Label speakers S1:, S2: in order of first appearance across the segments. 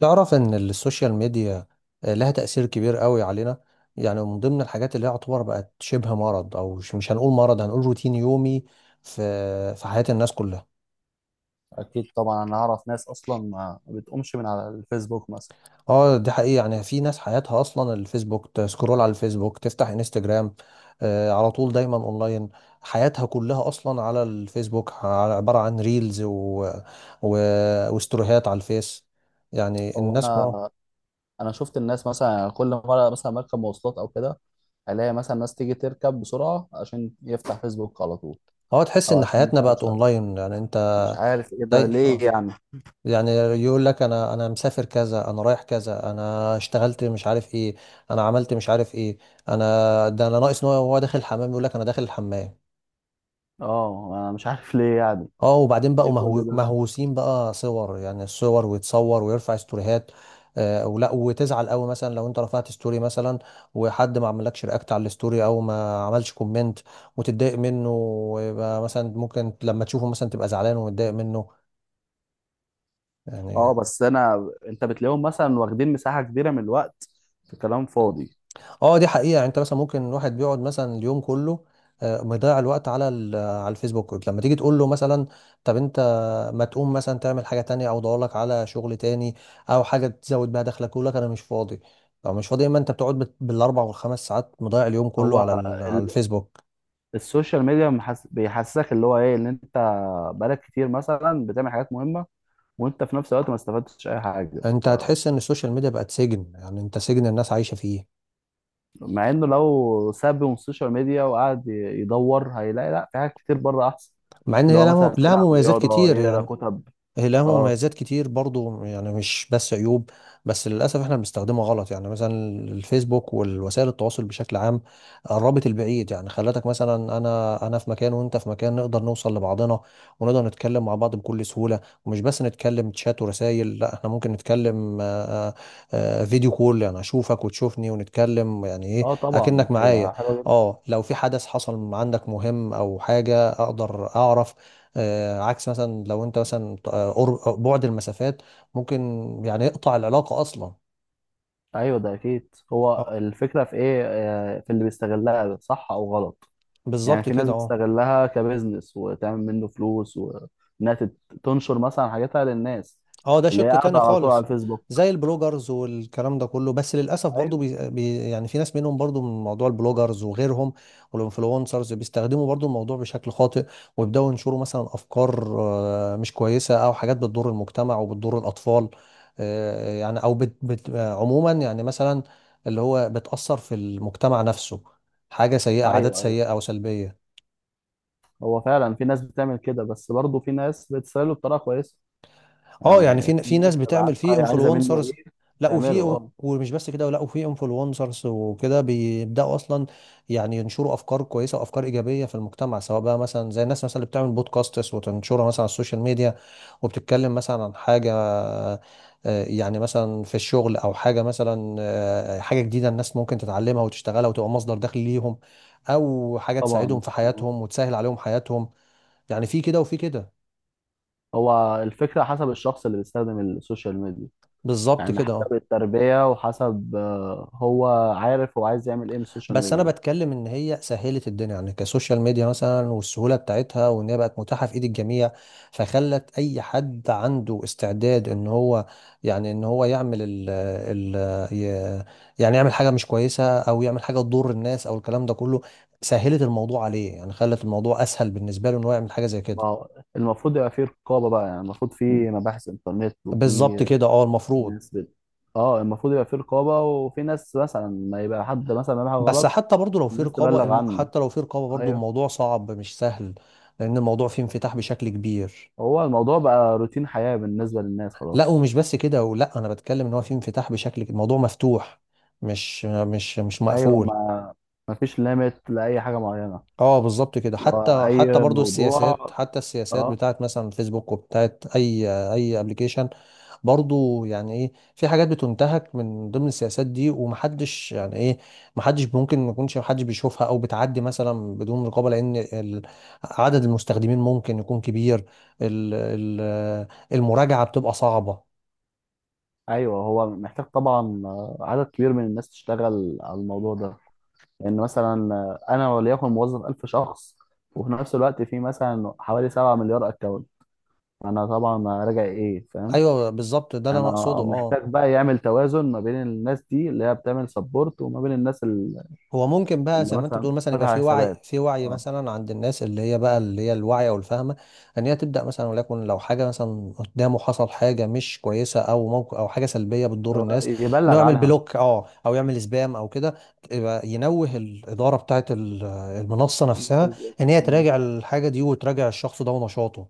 S1: تعرف ان السوشيال ميديا لها تأثير كبير قوي علينا. يعني من ضمن الحاجات اللي هي يعتبر بقت شبه مرض، او مش هنقول مرض، هنقول روتين يومي في في حياة الناس كلها.
S2: اكيد طبعا انا اعرف ناس اصلا ما بتقومش من على الفيسبوك مثلا.
S1: اه دي حقيقة، يعني في ناس حياتها اصلا الفيسبوك، تسكرول على الفيسبوك، تفتح انستجرام على طول دايما اونلاين. حياتها كلها اصلا على الفيسبوك، عبارة عن ريلز و... وستوريهات على الفيس. يعني
S2: او
S1: الناس اه
S2: انا انا شفت الناس مثلا كل مره مثلا مركب مواصلات او كده، الاقي مثلا ناس تيجي تركب بسرعه عشان يفتح فيسبوك على طول،
S1: تحس
S2: او
S1: ان
S2: عشان
S1: حياتنا
S2: مثلا مش
S1: بقت
S2: عارف
S1: اونلاين، يعني انت
S2: مش عارف ايه ده
S1: داي...
S2: ليه
S1: آه.
S2: يعني.
S1: يعني يقول لك انا مسافر كذا، انا رايح كذا، انا اشتغلت مش عارف ايه، انا عملت مش عارف ايه. انا ده انا ناقص ان هو داخل الحمام يقول لك انا داخل الحمام.
S2: اه انا مش عارف ليه يعني.
S1: اه وبعدين
S2: ليه
S1: بقوا
S2: كل ده؟
S1: مهووسين بقى صور، يعني الصور، ويتصور ويرفع ستوريهات. آه ولا وتزعل قوي مثلا لو انت رفعت ستوري مثلا، وحد ما عملكش رياكت على الستوري او ما عملش كومنت، وتتضايق منه، ويبقى مثلا ممكن لما تشوفه مثلا تبقى زعلان ومتضايق منه،
S2: اه
S1: يعني.
S2: بس انا انت بتلاقيهم مثلا واخدين مساحه كبيره من الوقت في كلام فاضي.
S1: اه دي حقيقة، يعني انت مثلا ممكن واحد بيقعد مثلا اليوم كله، مضيع الوقت على على الفيسبوك. لما تيجي تقول له مثلا طب انت ما تقوم مثلا تعمل حاجة تانية او دور لك على شغل تاني، او حاجة تزود بيها دخلك، يقول لك انا مش فاضي. لو مش فاضي اما انت بتقعد بالاربع والخمس ساعات، مضيع اليوم كله
S2: هو
S1: على على
S2: ال-
S1: الفيسبوك.
S2: السوشيال ميديا بيحسسك اللي هو ايه ان انت بقالك كتير مثلا بتعمل حاجات مهمه، وانت في نفس الوقت ما استفدتش اي حاجه.
S1: انت
S2: آه،
S1: هتحس ان السوشيال ميديا بقت سجن، يعني انت سجن الناس عايشة فيه.
S2: مع انه لو ساب من السوشيال ميديا وقعد يدور هيلاقي لا، في حاجات كتير بره احسن.
S1: مع ان
S2: اللي
S1: هي
S2: هو
S1: لها
S2: مثلا
S1: لها
S2: يلعب
S1: مميزات
S2: رياضه،
S1: كتير
S2: يقرا
S1: يعني.
S2: كتب.
S1: هي لها
S2: اه.
S1: مميزات كتير برضو، يعني مش بس عيوب. بس للأسف احنا بنستخدمها غلط، يعني مثلا الفيسبوك والوسائل التواصل بشكل عام قربت البعيد، يعني خلتك مثلا انا في مكان وانت في مكان، نقدر نوصل لبعضنا ونقدر نتكلم مع بعض بكل سهولة. ومش بس نتكلم تشات ورسائل، لا احنا ممكن نتكلم فيديو كول، يعني اشوفك وتشوفني ونتكلم، يعني ايه
S2: اه طبعا
S1: اكنك معايا.
S2: هي حلوه جدا.
S1: اه لو في حدث حصل عندك مهم او حاجة اقدر اعرف، عكس مثلا لو انت مثلا بعد المسافات ممكن يعني يقطع العلاقة اصلا.
S2: ايوه ده اكيد. هو
S1: اه
S2: الفكره في ايه؟ في اللي بيستغلها صح او غلط. يعني
S1: بالظبط
S2: في ناس
S1: كده اه.
S2: بتستغلها كبزنس وتعمل منه فلوس، وانها تنشر مثلا حاجاتها للناس
S1: اه ده
S2: اللي هي
S1: شق
S2: قاعده
S1: تاني
S2: على طول على
S1: خالص.
S2: الفيسبوك.
S1: زي البلوجرز والكلام ده كله، بس للاسف برضو
S2: ايوه
S1: بي بي يعني في ناس منهم برضو من موضوع البلوجرز وغيرهم والانفلونسرز بيستخدموا برضو الموضوع بشكل خاطئ، ويبداوا ينشروا مثلا افكار مش كويسه، او حاجات بتضر المجتمع وبتضر الاطفال، يعني، او بت بت عموما يعني مثلا اللي هو بتاثر في المجتمع نفسه، حاجه سيئه، عادات
S2: ايوه أيوة.
S1: سيئه او سلبيه.
S2: هو فعلا في ناس بتعمل كده، بس برضه في ناس بتسأله بطريقة كويسة.
S1: اه يعني
S2: يعني
S1: في
S2: في ناس
S1: ناس
S2: بتبقى
S1: بتعمل
S2: عارفة
S1: فيه
S2: هي عايزة منه
S1: انفلونسرز،
S2: ايه
S1: لا
S2: تعمله.
S1: وفي،
S2: اه
S1: ومش بس كده، لا وفي انفلونسرز وكده بيبداوا اصلا يعني ينشروا افكار كويسه وافكار ايجابيه في المجتمع، سواء بقى مثلا زي الناس مثلا اللي بتعمل بودكاستس وتنشرها مثلا على السوشيال ميديا، وبتتكلم مثلا عن حاجه يعني مثلا في الشغل، او حاجه مثلا حاجه جديده الناس ممكن تتعلمها وتشتغلها وتبقى مصدر دخل ليهم، او حاجه تساعدهم
S2: طبعا
S1: في
S2: آه.
S1: حياتهم وتسهل عليهم حياتهم. يعني في كده وفي كده.
S2: هو الفكرة حسب الشخص اللي بيستخدم السوشيال ميديا.
S1: بالظبط
S2: يعني
S1: كده
S2: حسب
S1: اه.
S2: التربية وحسب هو عارف هو عايز يعمل ايه من السوشيال
S1: بس انا
S2: ميديا.
S1: بتكلم ان هي سهلت الدنيا، يعني كسوشيال ميديا مثلا، والسهوله بتاعتها، وان هي بقت متاحه في ايد الجميع. فخلت اي حد عنده استعداد ان هو يعني ان هو يعمل ال ي- يعني يعمل حاجه مش كويسه، او يعمل حاجه تضر الناس او الكلام ده كله، سهلت الموضوع عليه، يعني خلت الموضوع اسهل بالنسبه له ان هو يعمل حاجه زي
S2: ما
S1: كده.
S2: هو المفروض يبقى في رقابة بقى. يعني المفروض في مباحث انترنت
S1: بالظبط
S2: وفي
S1: كده اه، المفروض.
S2: ناس بت... اه المفروض يبقى في رقابة، وفي ناس مثلا، ما يبقى حد مثلا بيعمل حاجة
S1: بس
S2: غلط
S1: حتى برضو لو في
S2: الناس
S1: رقابه،
S2: تبلغ عنه.
S1: حتى لو في رقابه برضو
S2: ايوه.
S1: الموضوع صعب مش سهل، لان الموضوع فيه انفتاح بشكل كبير.
S2: هو الموضوع بقى روتين حياة بالنسبة للناس
S1: لا
S2: خلاص.
S1: ومش بس كده ولا، انا بتكلم ان هو في انفتاح بشكل، الموضوع مفتوح، مش
S2: ايوه.
S1: مقفول.
S2: ما فيش ليميت لأي حاجة معينة.
S1: اه بالظبط كده.
S2: اللي هو
S1: حتى حتى
S2: اي
S1: برضو السياسات،
S2: موضوع.
S1: حتى السياسات
S2: اه.
S1: بتاعت مثلا فيسبوك وبتاعت اي ابلكيشن برضو، يعني ايه، في حاجات بتنتهك من ضمن السياسات دي، ومحدش يعني ايه، محدش ممكن ما يكونش محدش بيشوفها، او بتعدي مثلا بدون رقابة، لان عدد المستخدمين ممكن يكون كبير، ال- ال- المراجعة بتبقى صعبة.
S2: ايوه هو محتاج طبعا عدد كبير من الناس تشتغل على الموضوع ده. لان مثلا انا وليكن موظف 1000 شخص، وفي نفس الوقت في مثلا حوالي 7 مليار اكونت. انا طبعا راجع ايه؟ فاهم؟
S1: ايوه بالظبط ده اللي انا
S2: انا
S1: اقصده اه.
S2: محتاج بقى يعمل توازن ما بين الناس دي اللي هي بتعمل سبورت، وما بين الناس اللي
S1: هو ممكن بقى
S2: اللي
S1: زي ما انت
S2: مثلا
S1: بتقول مثلا، يبقى
S2: فاتحة
S1: في وعي،
S2: حسابات.
S1: في وعي
S2: اه
S1: مثلا عند الناس اللي هي بقى اللي هي الواعيه والفاهمه، ان هي تبدا مثلا، وليكن لو حاجه مثلا قدامه، حصل حاجه مش كويسه او موقف او حاجه سلبيه
S2: اللي
S1: بتضر
S2: هو
S1: الناس، انه
S2: يبلغ
S1: يعمل
S2: عنها
S1: بلوك اه، او يعمل سبام او كده، يبقى ينوه الاداره بتاعت المنصه نفسها
S2: الفيسبوك.
S1: ان هي
S2: مم.
S1: تراجع الحاجه دي وتراجع الشخص ده ونشاطه.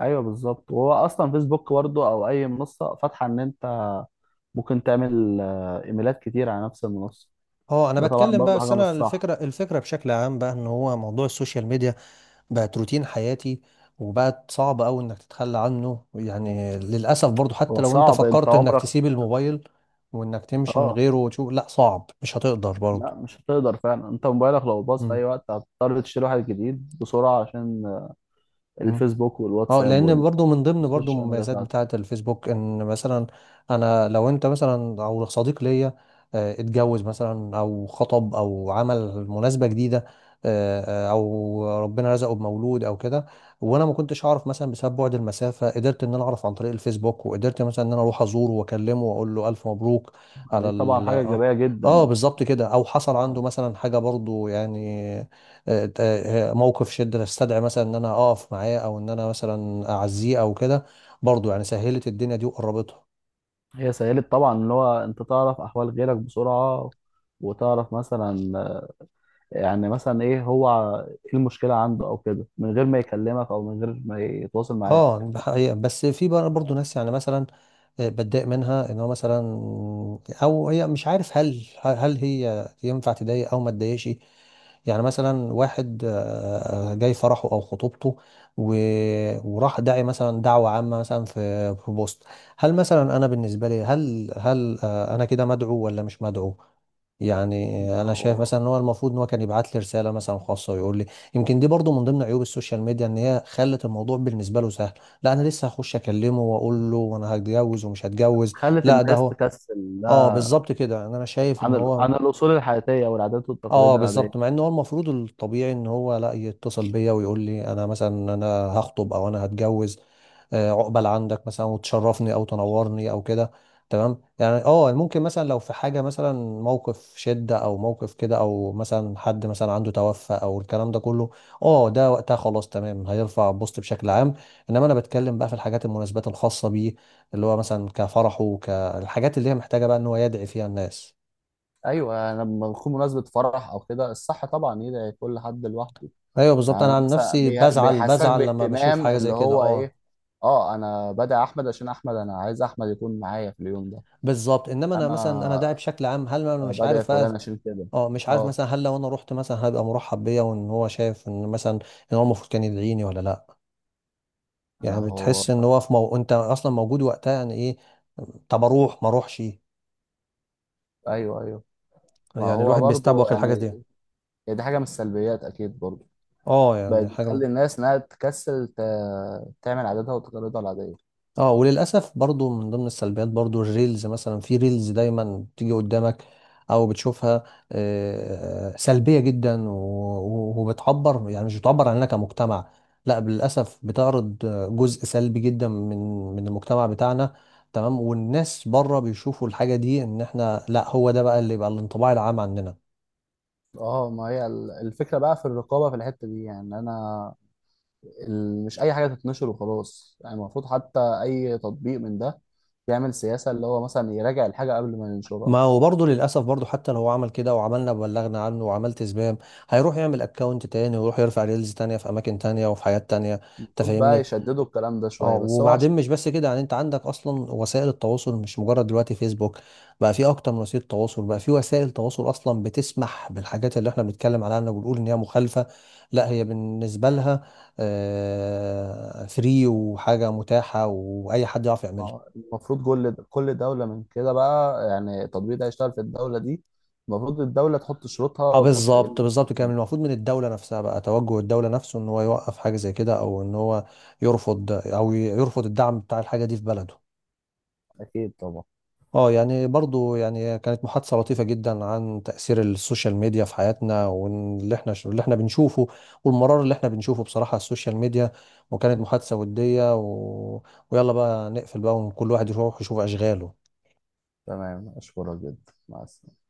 S2: ايوه بالظبط. وهو اصلا فيسبوك برضه او اي منصه فاتحه ان انت ممكن تعمل ايميلات كتير على نفس المنصه.
S1: اه انا
S2: ده طبعا
S1: بتكلم بقى،
S2: برضه
S1: بس
S2: حاجه مش
S1: انا
S2: صح.
S1: الفكره، الفكره بشكل عام بقى، ان هو موضوع السوشيال ميديا بقت روتين حياتي، وبقت صعب قوي انك تتخلى عنه، يعني للاسف برضو حتى
S2: هو
S1: لو انت
S2: صعب انت
S1: فكرت انك
S2: عمرك.
S1: تسيب الموبايل وانك تمشي من
S2: اه
S1: غيره وتشوف، لا صعب مش هتقدر برضو.
S2: لا مش هتقدر فعلا. انت موبايلك لو باظ في
S1: مم.
S2: اي وقت هتضطر تشتري واحد جديد بسرعه، عشان
S1: مم.
S2: الفيسبوك
S1: اه لان
S2: والواتساب
S1: برضو من ضمن برضو
S2: والسوشيال ميديا
S1: المميزات
S2: بتاعتك.
S1: بتاعه الفيسبوك ان مثلا انا لو انت مثلا او صديق ليا اتجوز مثلا او خطب او عمل مناسبة جديدة، او ربنا رزقه بمولود او كده، وانا ما كنتش اعرف مثلا بسبب بعد المسافة، قدرت ان انا اعرف عن طريق الفيسبوك، وقدرت مثلا ان انا اروح ازوره واكلمه واقول له الف مبروك على
S2: دي طبعا
S1: ال
S2: حاجه
S1: اه.
S2: ايجابيه
S1: اه
S2: جدا.
S1: بالظبط كده. او حصل عنده
S2: اه
S1: مثلا حاجة برضو يعني موقف شدة تستدعي مثلا ان انا اقف معاه، او ان انا مثلا اعزيه او كده، برضو يعني سهلت الدنيا دي وقربتها.
S2: هي سهلت طبعا اللي هو انت تعرف احوال غيرك بسرعه، وتعرف مثلا، يعني مثلا ايه هو ايه المشكله عنده او كده، من غير ما يكلمك او من غير ما يتواصل معاك.
S1: اه ده حقيقة، بس في بقى برضه ناس يعني مثلا بتضايق منها ان هو مثلا، او هي مش عارف هل هي ينفع تضايق او ما تضايقش، يعني مثلا واحد جاي فرحه او خطوبته، و- وراح داعي مثلا دعوة عامة مثلا في بوست، هل مثلا انا بالنسبة لي هل انا كده مدعو ولا مش مدعو؟ يعني
S2: ما
S1: انا شايف
S2: هو
S1: مثلا ان هو المفروض ان هو كان يبعت لي رساله مثلا خاصه ويقول لي. يمكن دي برضو من ضمن عيوب السوشيال ميديا ان هي خلت الموضوع بالنسبه له سهل، لا انا لسه هخش اكلمه واقول له وانا هتجوز ومش هتجوز.
S2: خلت
S1: لا ده
S2: الناس
S1: هو،
S2: تكسل
S1: اه
S2: ده
S1: بالظبط كده، يعني انا شايف ان هو
S2: عن الاصول الحياتيه والعادات
S1: اه
S2: والتقاليد العاديه.
S1: بالظبط، مع ان هو المفروض الطبيعي ان هو لا يتصل بيا ويقول لي انا مثلا، هخطب او انا هتجوز، عقبال عندك مثلا، وتشرفني او تنورني او كده، تمام يعني. اه ممكن مثلا لو في حاجه مثلا، موقف شده او موقف كده، او مثلا حد مثلا عنده توفى او الكلام ده كله، اه ده وقتها خلاص تمام، هيرفع بوست بشكل عام. انما انا بتكلم بقى في الحاجات المناسبات الخاصه بيه، اللي هو مثلا كفرحه، كالحاجات اللي هي محتاجه بقى ان هو يدعي فيها الناس.
S2: ايوه يعني لما بكون مناسبه فرح او كده الصح طبعا يدعي كل حد لوحده.
S1: ايوه بالظبط،
S2: يعني انا
S1: انا عن
S2: مثلا
S1: نفسي بزعل،
S2: بيحسسك
S1: بزعل لما بشوف
S2: باهتمام
S1: حاجه زي
S2: اللي
S1: كده
S2: هو
S1: اه.
S2: ايه. اه انا بدعي احمد عشان احمد انا عايز احمد يكون معايا في اليوم ده.
S1: بالظبط، انما انا مثلا انا
S2: انا
S1: داعي بشكل عام، هل انا مش
S2: بدعي
S1: عارف
S2: فلان
S1: بقى،
S2: عشان كده.
S1: اه مش عارف
S2: اه
S1: مثلا هل لو انا رحت مثلا هبقى مرحب بيا، وان هو شايف ان مثلا ان هو المفروض كان يدعيني ولا لا.
S2: ما
S1: يعني
S2: هو.
S1: بتحس ان هو في انت اصلا موجود وقتها يعني ايه، طب اروح ما اروحش؟
S2: ايوه، ايوه، ما
S1: يعني
S2: هو
S1: الواحد
S2: برضو
S1: بيستبوخ الحاجه دي.
S2: يعني دي حاجة من السلبيات أكيد برضو.
S1: اه
S2: بقت
S1: يعني حاجه.
S2: بتخلي الناس إنها تعمل عاداتها وتقاليدها العادية.
S1: اه وللاسف برضو من ضمن السلبيات برضو الريلز، مثلا في ريلز دايما بتيجي قدامك او بتشوفها سلبيه جدا، وبتعبر، يعني مش بتعبر عننا كمجتمع، لا للاسف بتعرض جزء سلبي جدا من من المجتمع بتاعنا، تمام. والناس بره بيشوفوا الحاجه دي ان احنا، لا هو ده بقى اللي يبقى الانطباع العام عننا.
S2: اه ما هي الفكرة بقى في الرقابة في الحتة دي. يعني أنا مش أي حاجة تتنشر وخلاص. يعني المفروض حتى أي تطبيق من ده يعمل سياسة اللي هو مثلا يراجع الحاجة قبل ما ينشرها.
S1: ما هو برضه للأسف برضه، حتى لو هو عمل كده وعملنا بلغنا عنه وعملت سبام، هيروح يعمل اكونت تاني، ويروح يرفع ريلز تانية في أماكن تانية وفي حاجات تانية. أنت
S2: المفروض بقى
S1: فاهمني؟
S2: يشددوا الكلام ده
S1: اه
S2: شوية، بس هو
S1: وبعدين
S2: عشان
S1: مش بس كده، يعني أنت عندك أصلا وسائل التواصل مش مجرد دلوقتي فيسبوك، بقى في أكتر من وسيلة تواصل، بقى في وسائل تواصل أصلا بتسمح بالحاجات اللي إحنا بنتكلم عنها وبنقول إن هي مخالفة، لا هي بالنسبة لها فري وحاجة متاحة وأي حد يعرف
S2: ما
S1: يعملها.
S2: هو المفروض كل دولة من كده بقى، يعني التطبيق ده هيشتغل في الدولة دي المفروض الدولة تحط شروطها
S1: اه
S2: وتحط إيه.
S1: بالظبط، بالظبط، كان المفروض من الدولة نفسها بقى توجه الدولة نفسه ان هو يوقف حاجة زي كده، او ان هو يرفض، او يرفض الدعم بتاع الحاجة دي في بلده.
S2: أكيد طبعا.
S1: اه يعني برضو يعني كانت محادثة لطيفة جدا عن تأثير السوشيال ميديا في حياتنا، واللي احنا اللي احنا بنشوفه والمرار اللي احنا بنشوفه بصراحة على السوشيال ميديا. وكانت محادثة ودية ويلا بقى نقفل بقى، وكل واحد يروح يشوف أشغاله.
S2: تمام أشكرك جدا، مع السلامة.